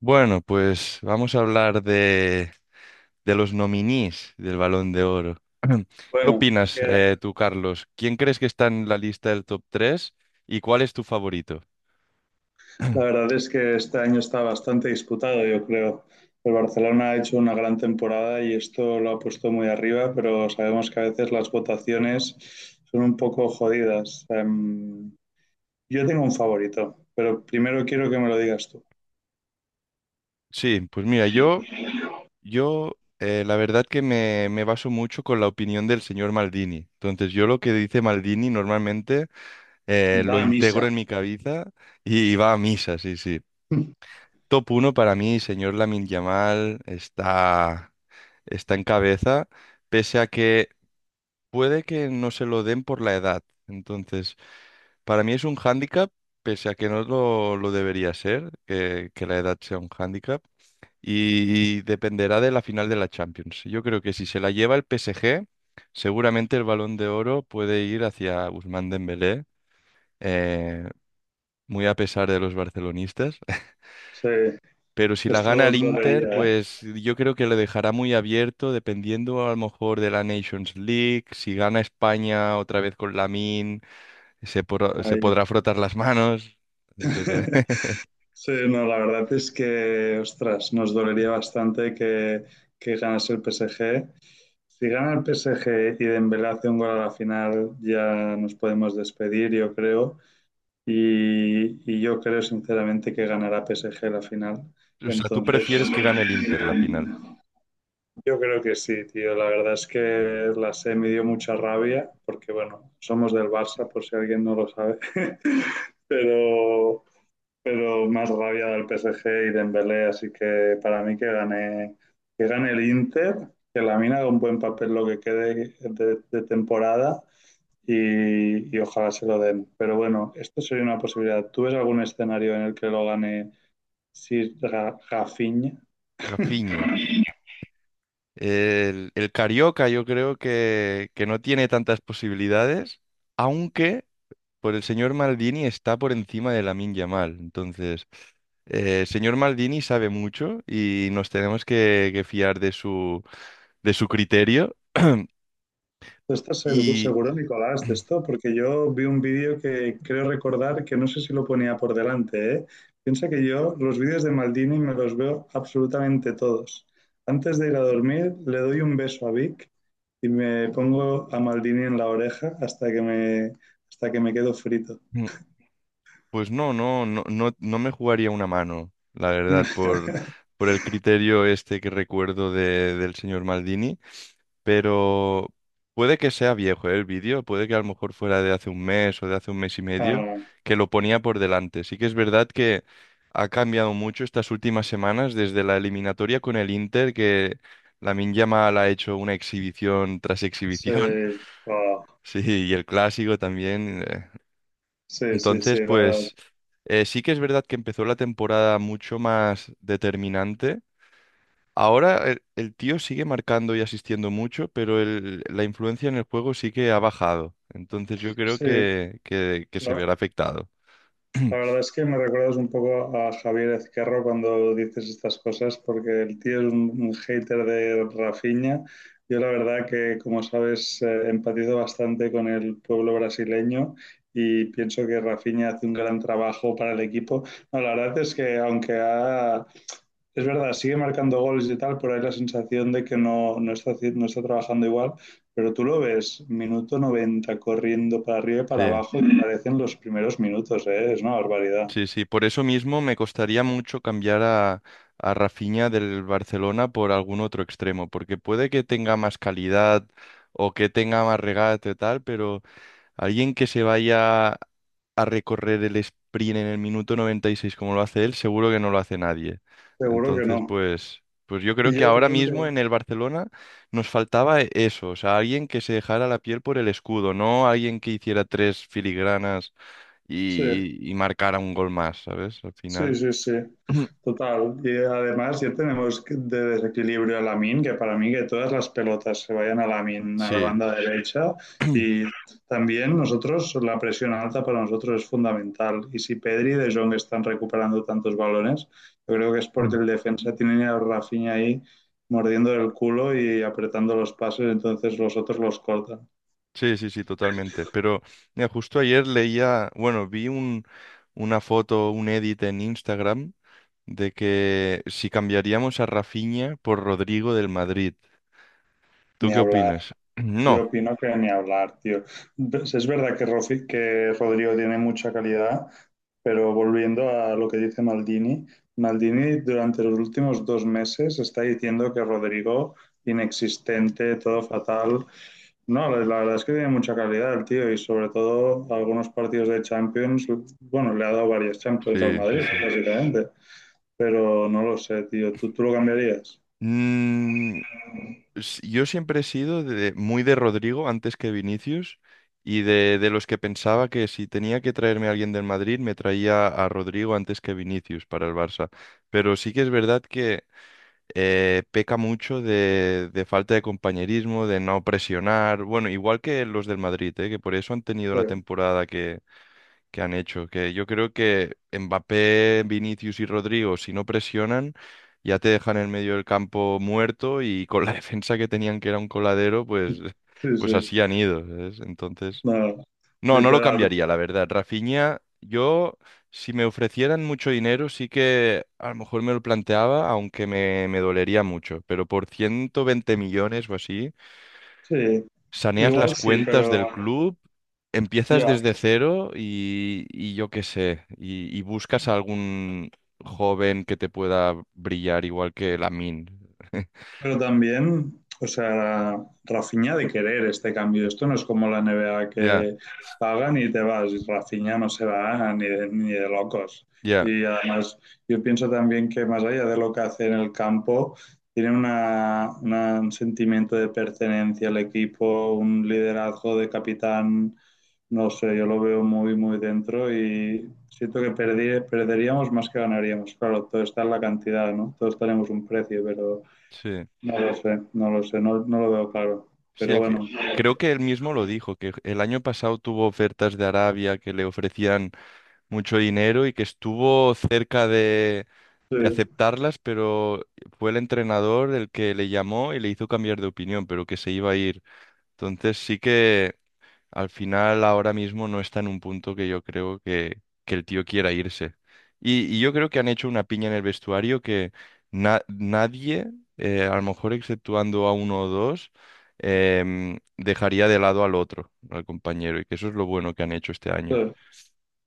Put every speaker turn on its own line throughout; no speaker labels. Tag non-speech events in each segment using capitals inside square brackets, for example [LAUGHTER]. Bueno, pues vamos a hablar de los nominees del Balón de Oro. [CLEARS THROAT] ¿Qué
Bueno,
opinas,
que
tú, Carlos? ¿Quién crees que está en la lista del top 3 y cuál es tu favorito?
la
[CLEARS THROAT]
verdad es que este año está bastante disputado, yo creo. El Barcelona ha hecho una gran temporada y esto lo ha puesto muy arriba, pero sabemos que a veces las votaciones son un poco jodidas. Yo tengo un favorito, pero primero quiero que me lo digas tú.
Sí, pues mira, yo, la verdad que me baso mucho con la opinión del señor Maldini. Entonces, yo lo que dice Maldini normalmente
Va
lo
a misa.
integro en mi cabeza y va a misa, sí, sí.
[LAUGHS]
Top uno para mí, señor Lamin Yamal, está en cabeza, pese a que puede que no se lo den por la edad. Entonces, para mí es un hándicap, pese a que no lo, lo debería ser, que la edad sea un hándicap, y dependerá de la final de la Champions. Yo creo que si se la lleva el PSG, seguramente el Balón de Oro puede ir hacia Ousmane Dembélé, eh, muy a pesar de los barcelonistas.
Sí,
Pero si la gana
esto
el
dolería,
Inter,
¿eh?
pues yo creo que le dejará muy abierto, dependiendo a lo mejor de la Nations League. Si gana España otra vez con Lamine, se
Ahí.
podrá frotar las manos. Dep-
[LAUGHS]
[LAUGHS]
Sí, no, la verdad es que, ostras, nos dolería bastante que, ganase el PSG. Si gana el PSG y Dembélé hace un gol a la final, ya nos podemos despedir, yo creo. Y yo creo sinceramente que ganará PSG la final.
O sea, tú
Entonces,
prefieres que gane el Inter la final.
yo creo que sí, tío. La verdad es que la sé me dio mucha rabia, porque bueno, somos del Barça, por si alguien no lo sabe. [LAUGHS] Pero, pero más rabia del PSG y Dembélé, así que para mí que gane el Inter, que la mina haga un buen papel lo que quede de temporada y ojalá se lo den. Pero bueno, esto sería una posibilidad. ¿Tú ves algún escenario en el que lo gane si Rafinha?
Rafinha. El Carioca yo creo que no tiene tantas posibilidades, aunque por el señor Maldini está por encima de Lamine Yamal. Entonces, el señor Maldini sabe mucho y nos tenemos que fiar de su criterio.
¿Tú estás seguro,
Y
seguro, Nicolás, de esto? Porque yo vi un vídeo que creo recordar que no sé si lo ponía por delante, ¿eh? Piensa que yo los vídeos de Maldini me los veo absolutamente todos. Antes de ir a dormir, le doy un beso a Vic y me pongo a Maldini en la oreja hasta que me quedo frito.
[CLEARS THROAT] Pues no me jugaría una mano, la verdad,
[LAUGHS]
por el criterio este que recuerdo del señor Maldini, pero puede que sea viejo, ¿eh? El vídeo, puede que a lo mejor fuera de hace un mes o de hace un mes y medio,
Ah,
que lo ponía por delante. Sí que es verdad que ha cambiado mucho estas últimas semanas desde la eliminatoria con el Inter, que Lamine Yamal ha hecho una exhibición tras
sí,
exhibición, [LAUGHS]
ah,
sí, y el clásico también.
sí, sí, sí,
Entonces,
la verdad.
pues sí que es verdad que empezó la temporada mucho más determinante. Ahora el tío sigue marcando y asistiendo mucho, pero la influencia en el juego sí que ha bajado. Entonces yo creo
Sí,
que se verá afectado.
la verdad
[CLEARS THROAT]
es que me recuerdas un poco a Javier Ezquerro cuando dices estas cosas, porque el tío es un hater de Rafinha. Yo la verdad que, como sabes, empatizo bastante con el pueblo brasileño y pienso que Rafinha hace un gran trabajo para el equipo. No, la verdad es que aunque es verdad, sigue marcando goles y tal, por ahí la sensación de que no está trabajando igual, pero tú lo ves, minuto 90 corriendo para arriba y para
Sí,
abajo y te parecen los primeros minutos, ¿eh? Es una barbaridad.
sí, sí. Por eso mismo me costaría mucho cambiar a Rafinha del Barcelona por algún otro extremo, porque puede que tenga más calidad o que tenga más regate y tal, pero alguien que se vaya a recorrer el sprint en el minuto 96 como lo hace él, seguro que no lo hace nadie.
Seguro que
Entonces,
no.
pues yo creo
Y
que
yo
ahora
creo que
mismo en el Barcelona nos faltaba eso, o sea, alguien que se dejara la piel por el escudo, no alguien que hiciera tres filigranas
sí.
y marcara un gol más, ¿sabes? Al
Sí,
final,
sí, sí,
[CLEARS THROAT]
total. Y además ya tenemos de desequilibrio a Lamin, que para mí que todas las pelotas se vayan a Lamin, a la
sí.
banda derecha. Y también nosotros, la presión alta para nosotros es fundamental. Y si Pedri y De Jong están recuperando tantos balones, yo creo que es porque
Mm.
el defensa tiene a Rafinha ahí mordiendo el culo y apretando los pases, entonces los otros los cortan.
Sí, sí, sí, totalmente. Pero mira, justo ayer leía, bueno, una foto, un edit en Instagram de que si cambiaríamos a Rafinha por Rodrigo del Madrid. ¿Tú
Ni
qué
hablar.
opinas? [CLEARS THROAT]
Yo
No,
opino que ni hablar, tío. Es verdad que, que Rodrigo tiene mucha calidad. Pero volviendo a lo que dice Maldini, Maldini durante los últimos 2 meses está diciendo que Rodrigo, inexistente, todo fatal. No, la verdad es que tiene mucha calidad el tío y sobre todo algunos partidos de Champions, bueno, le ha dado varias Champions al
sí, sí,
Madrid,
sí.
básicamente. Pero no lo sé, tío, ¿tú lo cambiarías?
Mm, yo siempre he sido muy de Rodrigo antes que Vinicius y de los que pensaba que si tenía que traerme a alguien del Madrid, me traía a Rodrigo antes que Vinicius para el Barça. Pero sí que es verdad que peca mucho de falta de compañerismo, de no presionar. Bueno, igual que los del Madrid, que por eso han tenido la
Bueno,
temporada que han hecho. Que yo creo que Mbappé, Vinicius y Rodrigo, si no presionan, ya te dejan en medio del campo muerto y con la [LAUGHS] defensa que tenían que era un coladero,
sí,
pues
sí,
así han ido, ¿sabes? Entonces,
no,
no, no lo
literal.
cambiaría, la verdad. Rafinha, yo, si me ofrecieran mucho dinero, sí que a lo mejor me lo planteaba, aunque me dolería mucho, pero por 120 millones o así
Sí,
saneas las
igual sí,
cuentas del
pero
club, empiezas
ya,
desde cero y yo qué sé, y buscas a algún joven que te pueda brillar igual que Lamine.
pero también, o sea, Rafinha ha de querer este cambio. Esto no es como la NBA
Ya,
que pagan y te vas. Rafinha no se va ni de locos.
ya,
Y además, yo pienso también que más allá de lo que hace en el campo, tiene una, un sentimiento de pertenencia al equipo, un liderazgo de capitán. No sé, yo lo veo muy, muy dentro y siento que perderíamos más que ganaríamos. Claro, todo está en la cantidad, ¿no? Todos tenemos un precio, pero
sí.
no lo sé, no lo sé, no, no lo veo claro.
Sí,
Pero bueno,
creo que él mismo lo dijo, que el año pasado tuvo ofertas de Arabia que le ofrecían mucho dinero y que estuvo cerca
sí,
de aceptarlas, pero fue el entrenador el que le llamó y le hizo cambiar de opinión, pero que se iba a ir. Entonces sí que... Al final, ahora mismo no está en un punto que yo creo que el tío quiera irse. Y yo creo que han hecho una piña en el vestuario que nadie, a lo mejor exceptuando a uno o dos, dejaría de lado al otro, al compañero. Y que eso es lo bueno que han hecho este año.
sí.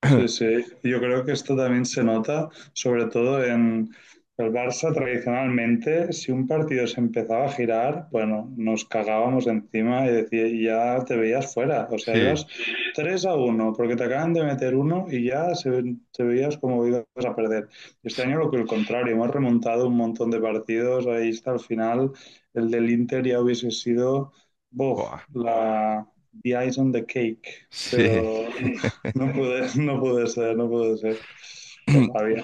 Sí, sí, yo creo que esto también se nota, sobre todo en el Barça tradicionalmente. Si un partido se empezaba a girar, bueno, nos cagábamos encima y decía, y ya te veías fuera, o sea,
Sí.
ibas 3-1 porque te acaban de meter uno y ya te veías como ibas a perder. Este año lo que el contrario, hemos remontado un montón de partidos, ahí está el final, el del Inter ya hubiese sido, buf,
Buah,
la, the ice on the cake,
sí.
pero... No puede, no puede ser, no puede ser. Qué
[CLEARS THROAT]
rabia.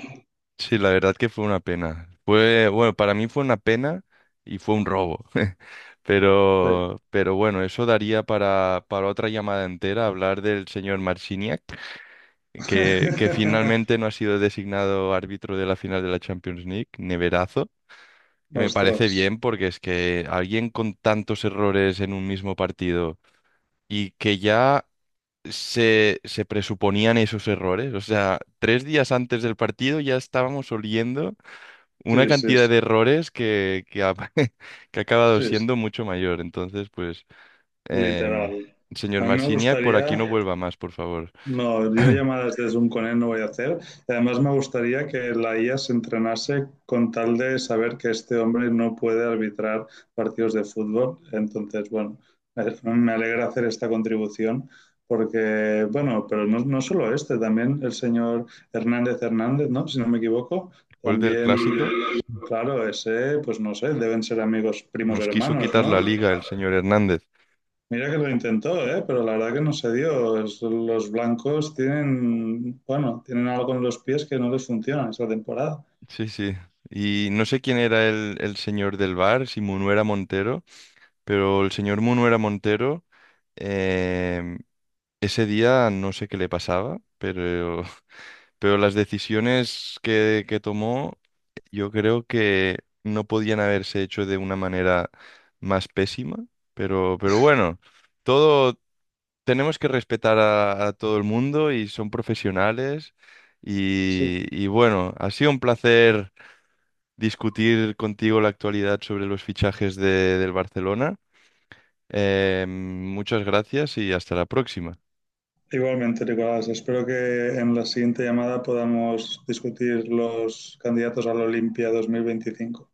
Sí, la verdad que fue una pena. Fue, bueno, para mí fue una pena y fue un robo. [LAUGHS]
Sí.
Pero bueno, eso daría para otra llamada entera hablar del señor Marciniak, que
[LAUGHS]
finalmente no ha sido designado árbitro de la final de la Champions League, neverazo. Que Me parece
Ostras.
bien porque es que alguien con tantos errores en un mismo partido y que ya se presuponían esos errores, o sea, tres días antes del partido ya estábamos oliendo una
Sí, sí,
cantidad
sí,
de errores [LAUGHS] que ha acabado
sí, sí.
siendo mucho mayor. Entonces, pues, em,
Literal.
señor
A mí me
Marciniak, por aquí
gustaría.
no vuelva más, por favor. [CLEARS THROAT]
No, yo llamadas de Zoom con él no voy a hacer. Además, me gustaría que la IA se entrenase con tal de saber que este hombre no puede arbitrar partidos de fútbol. Entonces, bueno, me alegra hacer esta contribución porque, bueno, pero no, no solo este, también el señor Hernández Hernández, ¿no? Si no me equivoco,
Después del
también,
clásico,
claro, ese, pues no sé, deben ser amigos primos
nos quiso
hermanos,
quitar
¿no?
la liga el señor Hernández.
Mira que lo intentó, ¿eh? Pero la verdad que no se dio. Es- los blancos tienen, bueno, tienen algo en los pies que no les funciona esta temporada.
Sí, sí. Y no sé quién era el señor del bar, si Munuera Montero, pero el señor Munuera Montero, em, ese día no sé qué le pasaba, pero las decisiones que tomó, yo creo que no podían haberse hecho de una manera más pésima. Pero bueno, todo tenemos que respetar a todo el mundo y son profesionales.
Sí.
Y bueno, ha sido un placer discutir contigo la actualidad sobre los fichajes del Barcelona. Muchas gracias y hasta la próxima.
Igualmente, Nicolás, espero que en la siguiente llamada podamos discutir los candidatos a la Olimpia 2025.